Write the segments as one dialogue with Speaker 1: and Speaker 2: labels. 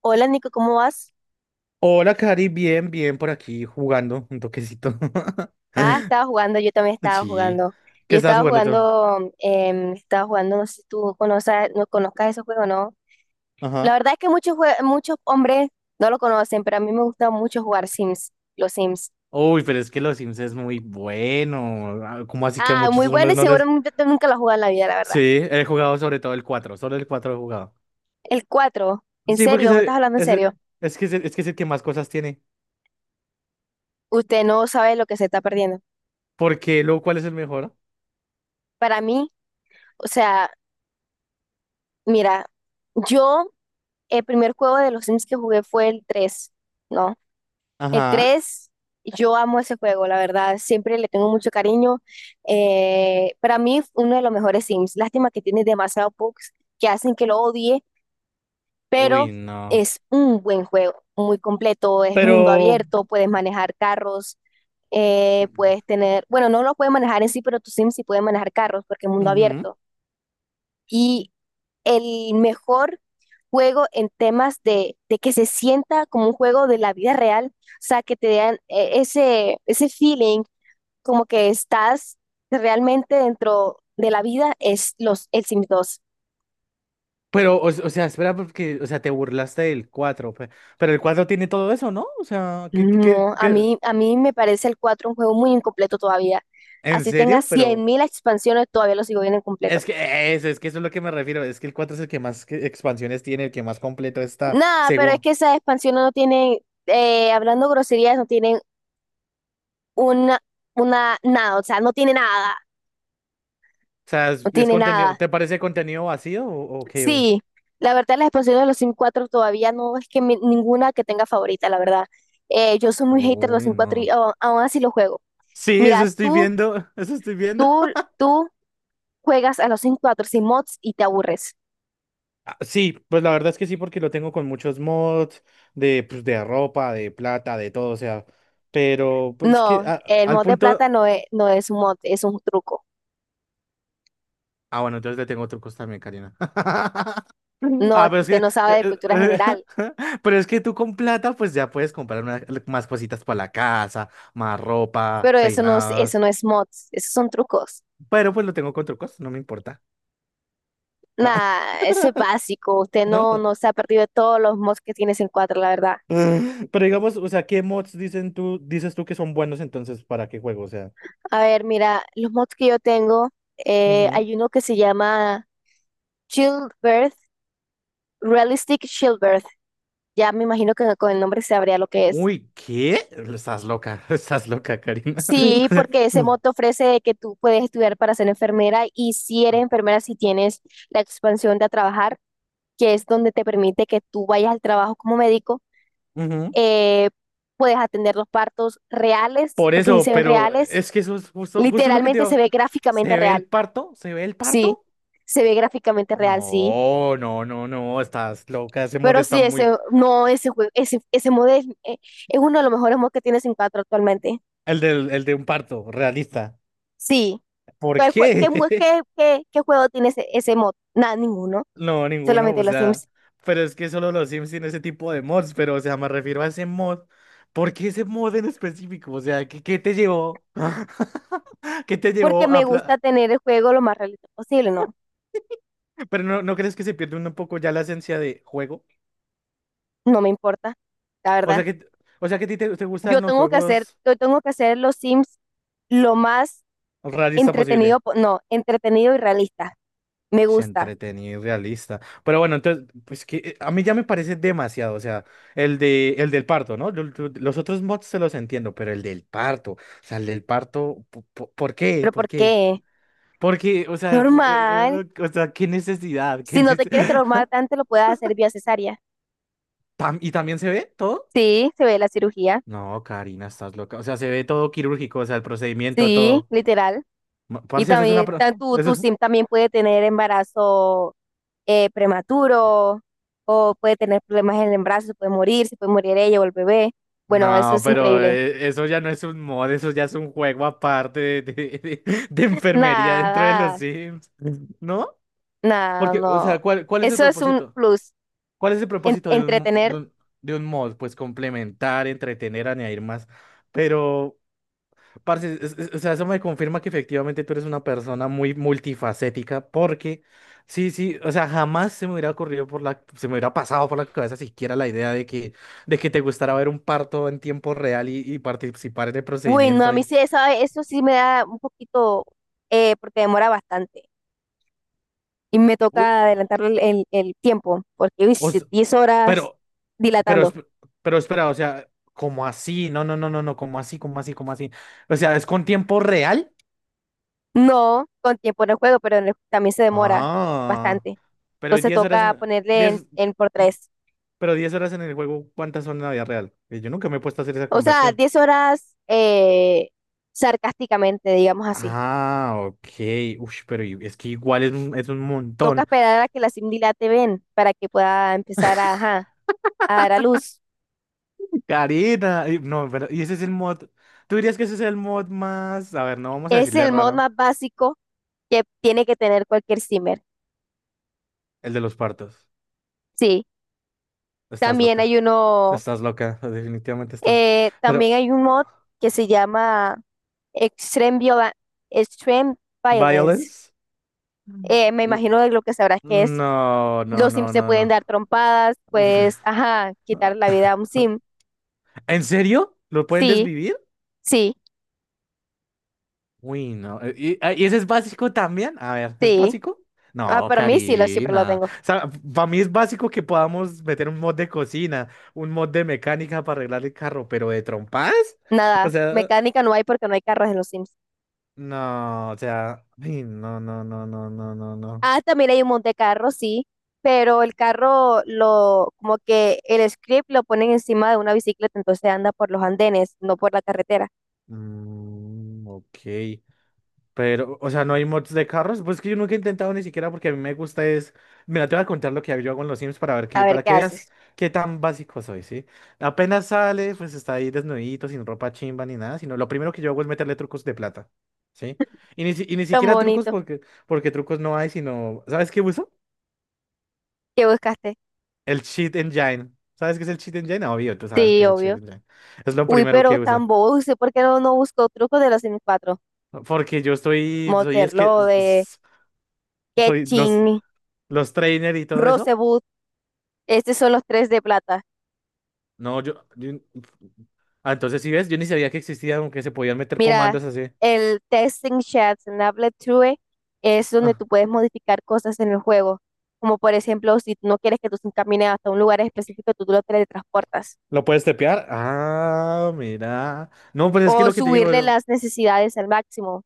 Speaker 1: Hola Nico, ¿cómo vas?
Speaker 2: Hola, Cari, bien, bien por aquí jugando un toquecito.
Speaker 1: Ah, estaba jugando, yo también estaba
Speaker 2: Sí.
Speaker 1: jugando.
Speaker 2: ¿Qué
Speaker 1: Yo
Speaker 2: estás
Speaker 1: estaba
Speaker 2: jugando tú?
Speaker 1: jugando, estaba jugando, no sé si tú conoces, no conozcas ese juego, ¿no?
Speaker 2: Ajá.
Speaker 1: La verdad es que muchos, muchos hombres no lo conocen, pero a mí me gusta mucho jugar Sims, los Sims.
Speaker 2: Uy, pero es que los Sims es muy bueno. Ah, ¿cómo así que a
Speaker 1: Ah,
Speaker 2: muchos
Speaker 1: muy bueno
Speaker 2: hombres
Speaker 1: y
Speaker 2: no
Speaker 1: seguro
Speaker 2: les...?
Speaker 1: nunca lo he jugado en la vida, la verdad.
Speaker 2: Sí, he jugado sobre todo el 4, solo el 4 he jugado.
Speaker 1: El 4, ¿en
Speaker 2: Sí, porque
Speaker 1: serio? ¿Me estás hablando en serio?
Speaker 2: es que es el que más cosas tiene.
Speaker 1: Usted no sabe lo que se está perdiendo.
Speaker 2: Porque luego, ¿cuál es el mejor?
Speaker 1: Para mí, o sea, mira, yo, el primer juego de los Sims que jugué fue el tres, ¿no? El
Speaker 2: Ajá.
Speaker 1: 3 yo amo ese juego, la verdad, siempre le tengo mucho cariño. Para mí, uno de los mejores Sims. Lástima que tiene demasiados bugs que hacen que lo odie, pero
Speaker 2: Uy, no.
Speaker 1: es un buen juego, muy completo, es mundo
Speaker 2: Pero...
Speaker 1: abierto, puedes manejar carros, puedes tener, bueno, no lo puedes manejar en sí, pero tu Sim sí puede manejar carros porque es mundo
Speaker 2: Ujú.
Speaker 1: abierto. Y el mejor juego en temas de que se sienta como un juego de la vida real, o sea, que te den ese, ese feeling como que estás realmente dentro de la vida, es los, el Sims dos.
Speaker 2: Pero, o sea, espera, porque, o sea, te burlaste del 4 pero el 4 tiene todo eso, ¿no? O sea, ¿qué, qué,
Speaker 1: No,
Speaker 2: qué?
Speaker 1: a mí me parece el 4 un juego muy incompleto todavía.
Speaker 2: ¿En
Speaker 1: Así tenga
Speaker 2: serio?
Speaker 1: cien
Speaker 2: Pero
Speaker 1: mil expansiones, todavía lo sigo viendo incompleto.
Speaker 2: es que eso es lo que me refiero, es que el 4 es el que más expansiones tiene, el que más completo está,
Speaker 1: Nada, pero es
Speaker 2: según.
Speaker 1: que esas expansiones no tienen, hablando groserías, no tienen una, una, nada, o sea, no tiene nada,
Speaker 2: O sea,
Speaker 1: no
Speaker 2: es
Speaker 1: tiene
Speaker 2: contenido,
Speaker 1: nada.
Speaker 2: ¿te parece contenido vacío o qué?
Speaker 1: Sí, la verdad las expansiones de los Sims 4 todavía no es que ninguna que tenga favorita, la verdad. Yo soy muy hater de los
Speaker 2: Uy,
Speaker 1: Sims 4 y
Speaker 2: no.
Speaker 1: aún así los juego.
Speaker 2: Sí, eso
Speaker 1: Mira,
Speaker 2: estoy viendo, eso estoy viendo.
Speaker 1: tú, tú juegas a los Sims 4 sin mods y te aburres.
Speaker 2: Ah, sí, pues la verdad es que sí, porque lo tengo con muchos mods de, pues, de ropa, de plata, de todo, o sea, pero pues es que
Speaker 1: No, el
Speaker 2: al
Speaker 1: mod de plata
Speaker 2: punto...
Speaker 1: no es un mod, es un truco.
Speaker 2: Ah, bueno, entonces le tengo trucos también, Karina.
Speaker 1: No,
Speaker 2: Ah,
Speaker 1: es
Speaker 2: pero
Speaker 1: que
Speaker 2: es que,
Speaker 1: usted no sabe de
Speaker 2: eh,
Speaker 1: cultura
Speaker 2: eh,
Speaker 1: general,
Speaker 2: pero es que tú con plata, pues ya puedes comprar más cositas para la casa, más ropa,
Speaker 1: pero eso no, eso
Speaker 2: peinados.
Speaker 1: no es mods, esos son trucos.
Speaker 2: Pero pues lo tengo con trucos, no me importa. Ah.
Speaker 1: Nada, eso es básico. Usted no, no se ha perdido de todos los mods que tiene Sims 4, la verdad.
Speaker 2: Pero digamos, o sea, ¿qué mods dices tú que son buenos entonces para qué juego? O sea,
Speaker 1: A ver, mira, los mods que yo tengo,
Speaker 2: ujú.
Speaker 1: hay uno que se llama Childbirth, Realistic Childbirth. Ya me imagino que con el nombre se sabría lo que es.
Speaker 2: Uy, ¿qué? Estás loca, estás loca, Karina. O
Speaker 1: Sí,
Speaker 2: sea,
Speaker 1: porque ese mod te ofrece que tú puedes estudiar para ser enfermera y si eres enfermera, si tienes la expansión de a trabajar, que es donde te permite que tú vayas al trabajo como médico,
Speaker 2: ujú.
Speaker 1: eh, puedes atender los partos reales,
Speaker 2: Por
Speaker 1: porque si
Speaker 2: eso,
Speaker 1: se ven
Speaker 2: pero
Speaker 1: reales,
Speaker 2: es que eso es justo, justo lo que te
Speaker 1: literalmente se
Speaker 2: digo.
Speaker 1: ve gráficamente
Speaker 2: ¿Se ve el
Speaker 1: real.
Speaker 2: parto? ¿Se ve el
Speaker 1: Sí,
Speaker 2: parto?
Speaker 1: se ve gráficamente real, sí.
Speaker 2: No, no, no, no, estás loca, ese mod
Speaker 1: Pero
Speaker 2: está
Speaker 1: sí, ese,
Speaker 2: muy...
Speaker 1: no, ese juego, ese mod es uno de los mejores mods que tiene Sin cuatro actualmente.
Speaker 2: El de, el de un parto, realista.
Speaker 1: Sí.
Speaker 2: ¿Por
Speaker 1: ¿Qué,
Speaker 2: qué?
Speaker 1: qué, qué, qué juego tiene ese, ese mod? Nada, ninguno.
Speaker 2: No, ninguno, o
Speaker 1: Solamente los
Speaker 2: sea,
Speaker 1: Sims.
Speaker 2: pero es que solo los Sims tienen ese tipo de mods, pero, o sea, me refiero a ese mod. ¿Por qué ese mod en específico? O sea, ¿qué te llevó? ¿Qué te
Speaker 1: Porque
Speaker 2: llevó
Speaker 1: me
Speaker 2: a...
Speaker 1: gusta tener el juego lo más realista posible, ¿no?
Speaker 2: Pero no, ¿no crees que se pierde un poco ya la esencia de juego?
Speaker 1: No me importa, la
Speaker 2: O sea
Speaker 1: verdad.
Speaker 2: que, o sea que a ti te gustan los juegos
Speaker 1: Yo tengo que hacer los Sims lo más
Speaker 2: realista
Speaker 1: entretenido,
Speaker 2: posible.
Speaker 1: po- no, entretenido y realista. Me
Speaker 2: Es
Speaker 1: gusta.
Speaker 2: entretenido y realista. Pero bueno, entonces, pues que a mí ya me parece demasiado. O sea, el del parto, ¿no? Los otros mods se los entiendo, pero el del parto. O sea, el del parto, ¿por qué?
Speaker 1: ¿Pero
Speaker 2: ¿Por
Speaker 1: por
Speaker 2: qué?
Speaker 1: qué?
Speaker 2: Porque, o sea,
Speaker 1: Normal.
Speaker 2: o sea, qué necesidad, qué
Speaker 1: Si no te quieres transformar tanto, lo puedes hacer vía cesárea.
Speaker 2: ¿Y también se ve todo?
Speaker 1: Sí, se ve la cirugía.
Speaker 2: No, Karina, estás loca. O sea, se ve todo quirúrgico, o sea, el procedimiento,
Speaker 1: Sí,
Speaker 2: todo.
Speaker 1: literal. Y
Speaker 2: Parce, eso es una...
Speaker 1: también tu, tu
Speaker 2: Eso,
Speaker 1: sim también puede tener embarazo prematuro o puede tener problemas en el embarazo, se puede morir ella o el bebé. Bueno, eso
Speaker 2: no,
Speaker 1: es
Speaker 2: pero
Speaker 1: increíble.
Speaker 2: eso ya no es un mod, eso ya es un juego aparte de de enfermería dentro de los
Speaker 1: Nada,
Speaker 2: Sims, ¿no?
Speaker 1: nada,
Speaker 2: Porque, o
Speaker 1: no.
Speaker 2: sea, ¿cuál es el
Speaker 1: Eso es un
Speaker 2: propósito?
Speaker 1: plus.
Speaker 2: ¿Cuál es el propósito de un, mo-
Speaker 1: Entretener.
Speaker 2: de un mod? Pues complementar, entretener, añadir más. Pero Parce, o sea, eso me confirma que efectivamente tú eres una persona muy multifacética, porque sí, sí, o sea, jamás se me hubiera ocurrido se me hubiera pasado por la cabeza siquiera la idea de que te gustara ver un parto en tiempo real y, participar en el
Speaker 1: Bueno, a
Speaker 2: procedimiento
Speaker 1: mí
Speaker 2: y,
Speaker 1: sí, eso sí me da un poquito, porque demora bastante. Y me toca
Speaker 2: u-
Speaker 1: adelantar el, el tiempo, porque uy,
Speaker 2: o s-
Speaker 1: 10 horas
Speaker 2: pero, pero,
Speaker 1: dilatando.
Speaker 2: esp- pero espera, o sea, ¿cómo así? No, no, no, no, no, ¿cómo así? ¿Cómo así? ¿Cómo así? O sea, ¿es con tiempo real?
Speaker 1: No, con tiempo en el juego, pero también se demora
Speaker 2: Ah,
Speaker 1: bastante.
Speaker 2: pero
Speaker 1: Entonces
Speaker 2: 10 horas,
Speaker 1: toca ponerle
Speaker 2: 10.
Speaker 1: en por tres.
Speaker 2: Pero 10 horas en el juego, ¿cuántas son en la vida real? Yo nunca me he puesto a hacer esa
Speaker 1: O sea,
Speaker 2: conversión.
Speaker 1: 10 horas sarcásticamente, digamos así.
Speaker 2: Ah, ok. Uy, pero es que igual es un
Speaker 1: Toca
Speaker 2: montón.
Speaker 1: esperar a que la sim dilate bien para que pueda empezar a, ajá, a dar a luz.
Speaker 2: Karina. No, pero, y ese es el mod. ¿Tú dirías que ese es el mod más... A ver, no vamos a
Speaker 1: Es
Speaker 2: decirle
Speaker 1: el mod
Speaker 2: raro.
Speaker 1: más básico que tiene que tener cualquier simmer.
Speaker 2: El de los partos.
Speaker 1: Sí,
Speaker 2: Estás
Speaker 1: también
Speaker 2: loca.
Speaker 1: hay uno,
Speaker 2: Estás loca. Definitivamente estás.
Speaker 1: también
Speaker 2: Pero,
Speaker 1: hay un mod que se llama Extreme Viola- Extreme Violence.
Speaker 2: ¿violence? Mm.
Speaker 1: Me
Speaker 2: N-
Speaker 1: imagino de lo que sabrás que es.
Speaker 2: No, no,
Speaker 1: Los sims
Speaker 2: no,
Speaker 1: se
Speaker 2: no,
Speaker 1: pueden
Speaker 2: no.
Speaker 1: dar trompadas,
Speaker 2: Uf.
Speaker 1: pues, ajá, quitar la vida a un sim.
Speaker 2: ¿En serio? ¿Lo pueden
Speaker 1: Sí,
Speaker 2: desvivir?
Speaker 1: sí,
Speaker 2: Uy, no. ¿Y, ¿y ese es básico también? A ver, ¿es
Speaker 1: sí.
Speaker 2: básico?
Speaker 1: Ah,
Speaker 2: No,
Speaker 1: para mí sí, lo, siempre lo
Speaker 2: Karina.
Speaker 1: tengo.
Speaker 2: O sea, para mí es básico que podamos meter un mod de cocina, un mod de mecánica para arreglar el carro, pero de trompas. O
Speaker 1: Nada,
Speaker 2: sea,
Speaker 1: mecánica no hay porque no hay carros en los sims.
Speaker 2: no, o sea, ay, no, no, no, no, no, no, no.
Speaker 1: Ah, también hay un monte carro, sí, pero el carro lo, como que el script lo ponen encima de una bicicleta, entonces anda por los andenes, no por la carretera.
Speaker 2: Mm, ok. Pero, o sea, no hay mods de carros. Pues que yo nunca he intentado ni siquiera porque a mí me gusta es. Mira, te voy a contar lo que yo hago en los Sims
Speaker 1: A ver
Speaker 2: para
Speaker 1: qué
Speaker 2: que veas
Speaker 1: haces.
Speaker 2: qué tan básico soy, ¿sí? Apenas sale, pues está ahí desnudito, sin ropa chimba ni nada, sino lo primero que yo hago es meterle trucos de plata, ¿sí? Y ni
Speaker 1: Tan
Speaker 2: siquiera trucos
Speaker 1: bonito.
Speaker 2: porque, trucos no hay, sino. ¿Sabes qué uso?
Speaker 1: ¿Qué buscaste?
Speaker 2: El Cheat Engine. ¿Sabes qué es el Cheat Engine? Ah, obvio, tú sabes qué
Speaker 1: Sí,
Speaker 2: es el Cheat
Speaker 1: obvio.
Speaker 2: Engine. Es lo
Speaker 1: Uy,
Speaker 2: primero
Speaker 1: pero
Speaker 2: que
Speaker 1: tan
Speaker 2: uso.
Speaker 1: bobo, no sé por qué no, no buscó trucos de los sims cuatro.
Speaker 2: Porque yo estoy, soy, es que,
Speaker 1: Motherlode,
Speaker 2: soy los,
Speaker 1: Ketching,
Speaker 2: los trainer y todo eso.
Speaker 1: Rosewood. Estos son los tres de plata.
Speaker 2: No, ah, entonces si ves, yo ni sabía que existía, aunque se podían meter
Speaker 1: Mira,
Speaker 2: comandos así.
Speaker 1: el Testing Chats en Applet True es donde
Speaker 2: Ah,
Speaker 1: tú puedes modificar cosas en el juego. Como por ejemplo, si no quieres que tú se encamine hasta un lugar específico, tú lo teletransportas.
Speaker 2: ¿lo puedes tepear? Ah, mira. No, pues es que
Speaker 1: O
Speaker 2: lo que te digo.
Speaker 1: subirle las necesidades al máximo.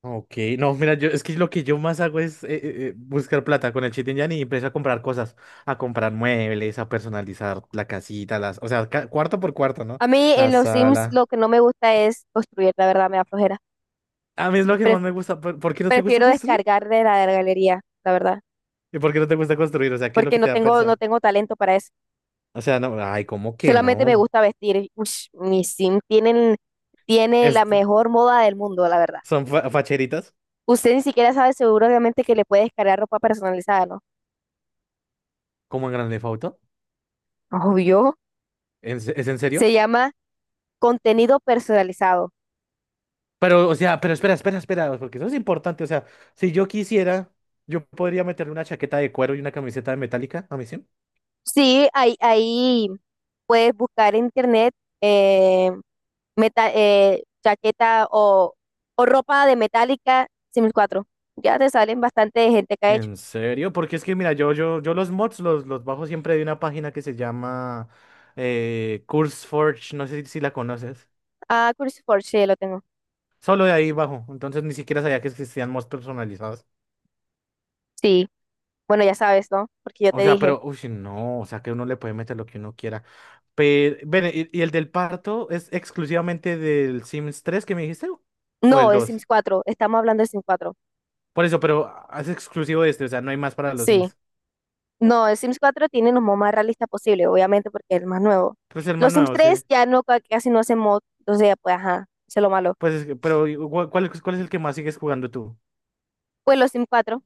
Speaker 2: Ok, no, mira, yo, es que lo que yo más hago es buscar plata con el Cheat Engine y empiezo a comprar cosas, a comprar muebles, a personalizar la casita, o sea, cuarto por cuarto, ¿no?
Speaker 1: A mí en
Speaker 2: La
Speaker 1: los Sims
Speaker 2: sala.
Speaker 1: lo que no me gusta es construir, la verdad, me da flojera.
Speaker 2: A mí es lo que
Speaker 1: Pref-
Speaker 2: más me gusta. ¿Por qué no te gusta
Speaker 1: prefiero
Speaker 2: construir?
Speaker 1: descargar de la galería, la verdad,
Speaker 2: ¿Y por qué no te gusta construir? O sea, ¿qué es lo
Speaker 1: porque
Speaker 2: que
Speaker 1: no
Speaker 2: te da
Speaker 1: tengo, no
Speaker 2: pereza?
Speaker 1: tengo talento para eso.
Speaker 2: O sea, no, ay, ¿cómo que
Speaker 1: Solamente me
Speaker 2: no?
Speaker 1: gusta vestir. Ush, mi sim tienen, tiene la
Speaker 2: Esto,
Speaker 1: mejor moda del mundo, la verdad.
Speaker 2: ¿son facheritas?
Speaker 1: Usted ni siquiera sabe seguramente que le puede descargar ropa personalizada, ¿no?
Speaker 2: Como en Grand Theft Auto.
Speaker 1: Obvio.
Speaker 2: ¿Es en serio?
Speaker 1: Se llama contenido personalizado.
Speaker 2: Pero, o sea, pero espera, espera, espera, porque eso es importante. O sea, si yo quisiera, yo podría meterle una chaqueta de cuero y una camiseta de metálica a mi sim.
Speaker 1: Sí, ahí, ahí puedes buscar en internet eh, chaqueta o ropa de Metallica Sims cuatro. Ya te salen bastante gente que ha hecho.
Speaker 2: ¿En serio? Porque es que, mira, yo los mods los bajo siempre de una página que se llama CurseForge, no sé si la conoces.
Speaker 1: Ah, Cruciforge, sí, lo tengo.
Speaker 2: Solo de ahí bajo. Entonces ni siquiera sabía que existían mods personalizados.
Speaker 1: Sí, bueno, ya sabes, ¿no? Porque yo te
Speaker 2: O sea,
Speaker 1: dije.
Speaker 2: pero, uy, sí, no, o sea que uno le puede meter lo que uno quiera. Pero, ven, ¿y el del parto es exclusivamente del Sims 3 que me dijiste? ¿O del
Speaker 1: No, es
Speaker 2: dos?
Speaker 1: Sims 4, estamos hablando de Sims 4.
Speaker 2: Por eso, pero es exclusivo de este, o sea, no hay más para los
Speaker 1: Sí,
Speaker 2: Sims.
Speaker 1: no, el Sims 4 tiene los mods más realistas posible, obviamente, porque es el más nuevo.
Speaker 2: Pues el más
Speaker 1: Los Sims
Speaker 2: nuevo, sí.
Speaker 1: 3 ya no, casi no hacen mod, entonces, pues, ajá, eso es lo malo.
Speaker 2: Pues, pero, ¿y ¿cuál, cuál es el que más sigues jugando tú?
Speaker 1: Pues los Sims 4,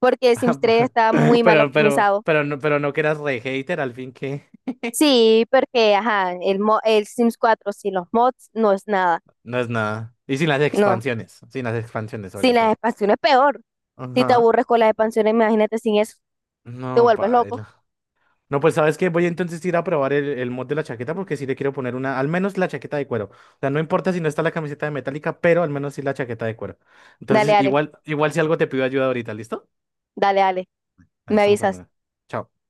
Speaker 1: porque el Sims 3 está muy mal
Speaker 2: Pero,
Speaker 1: optimizado.
Speaker 2: pero no que eras re hater, al fin que
Speaker 1: Sí, porque, ajá, el, el Sims 4 sin los mods no es nada.
Speaker 2: no es nada. Y sin las
Speaker 1: No,
Speaker 2: expansiones, sin las expansiones
Speaker 1: sin
Speaker 2: sobre
Speaker 1: las
Speaker 2: todo.
Speaker 1: expansiones peor. Si te
Speaker 2: Ajá.
Speaker 1: aburres con las expansiones, imagínate sin eso, te
Speaker 2: No,
Speaker 1: vuelves
Speaker 2: padre.
Speaker 1: loco.
Speaker 2: No, pues sabes que voy entonces a ir a probar el mod de la chaqueta porque sí le quiero poner una, al menos la chaqueta de cuero. O sea, no importa si no está la camiseta de metálica, pero al menos sí la chaqueta de cuero.
Speaker 1: Dale,
Speaker 2: Entonces,
Speaker 1: dale,
Speaker 2: igual, igual si algo te pido ayuda ahorita, ¿listo?
Speaker 1: dale,
Speaker 2: Ahí
Speaker 1: me
Speaker 2: estamos
Speaker 1: avisas.
Speaker 2: hablando. Chao.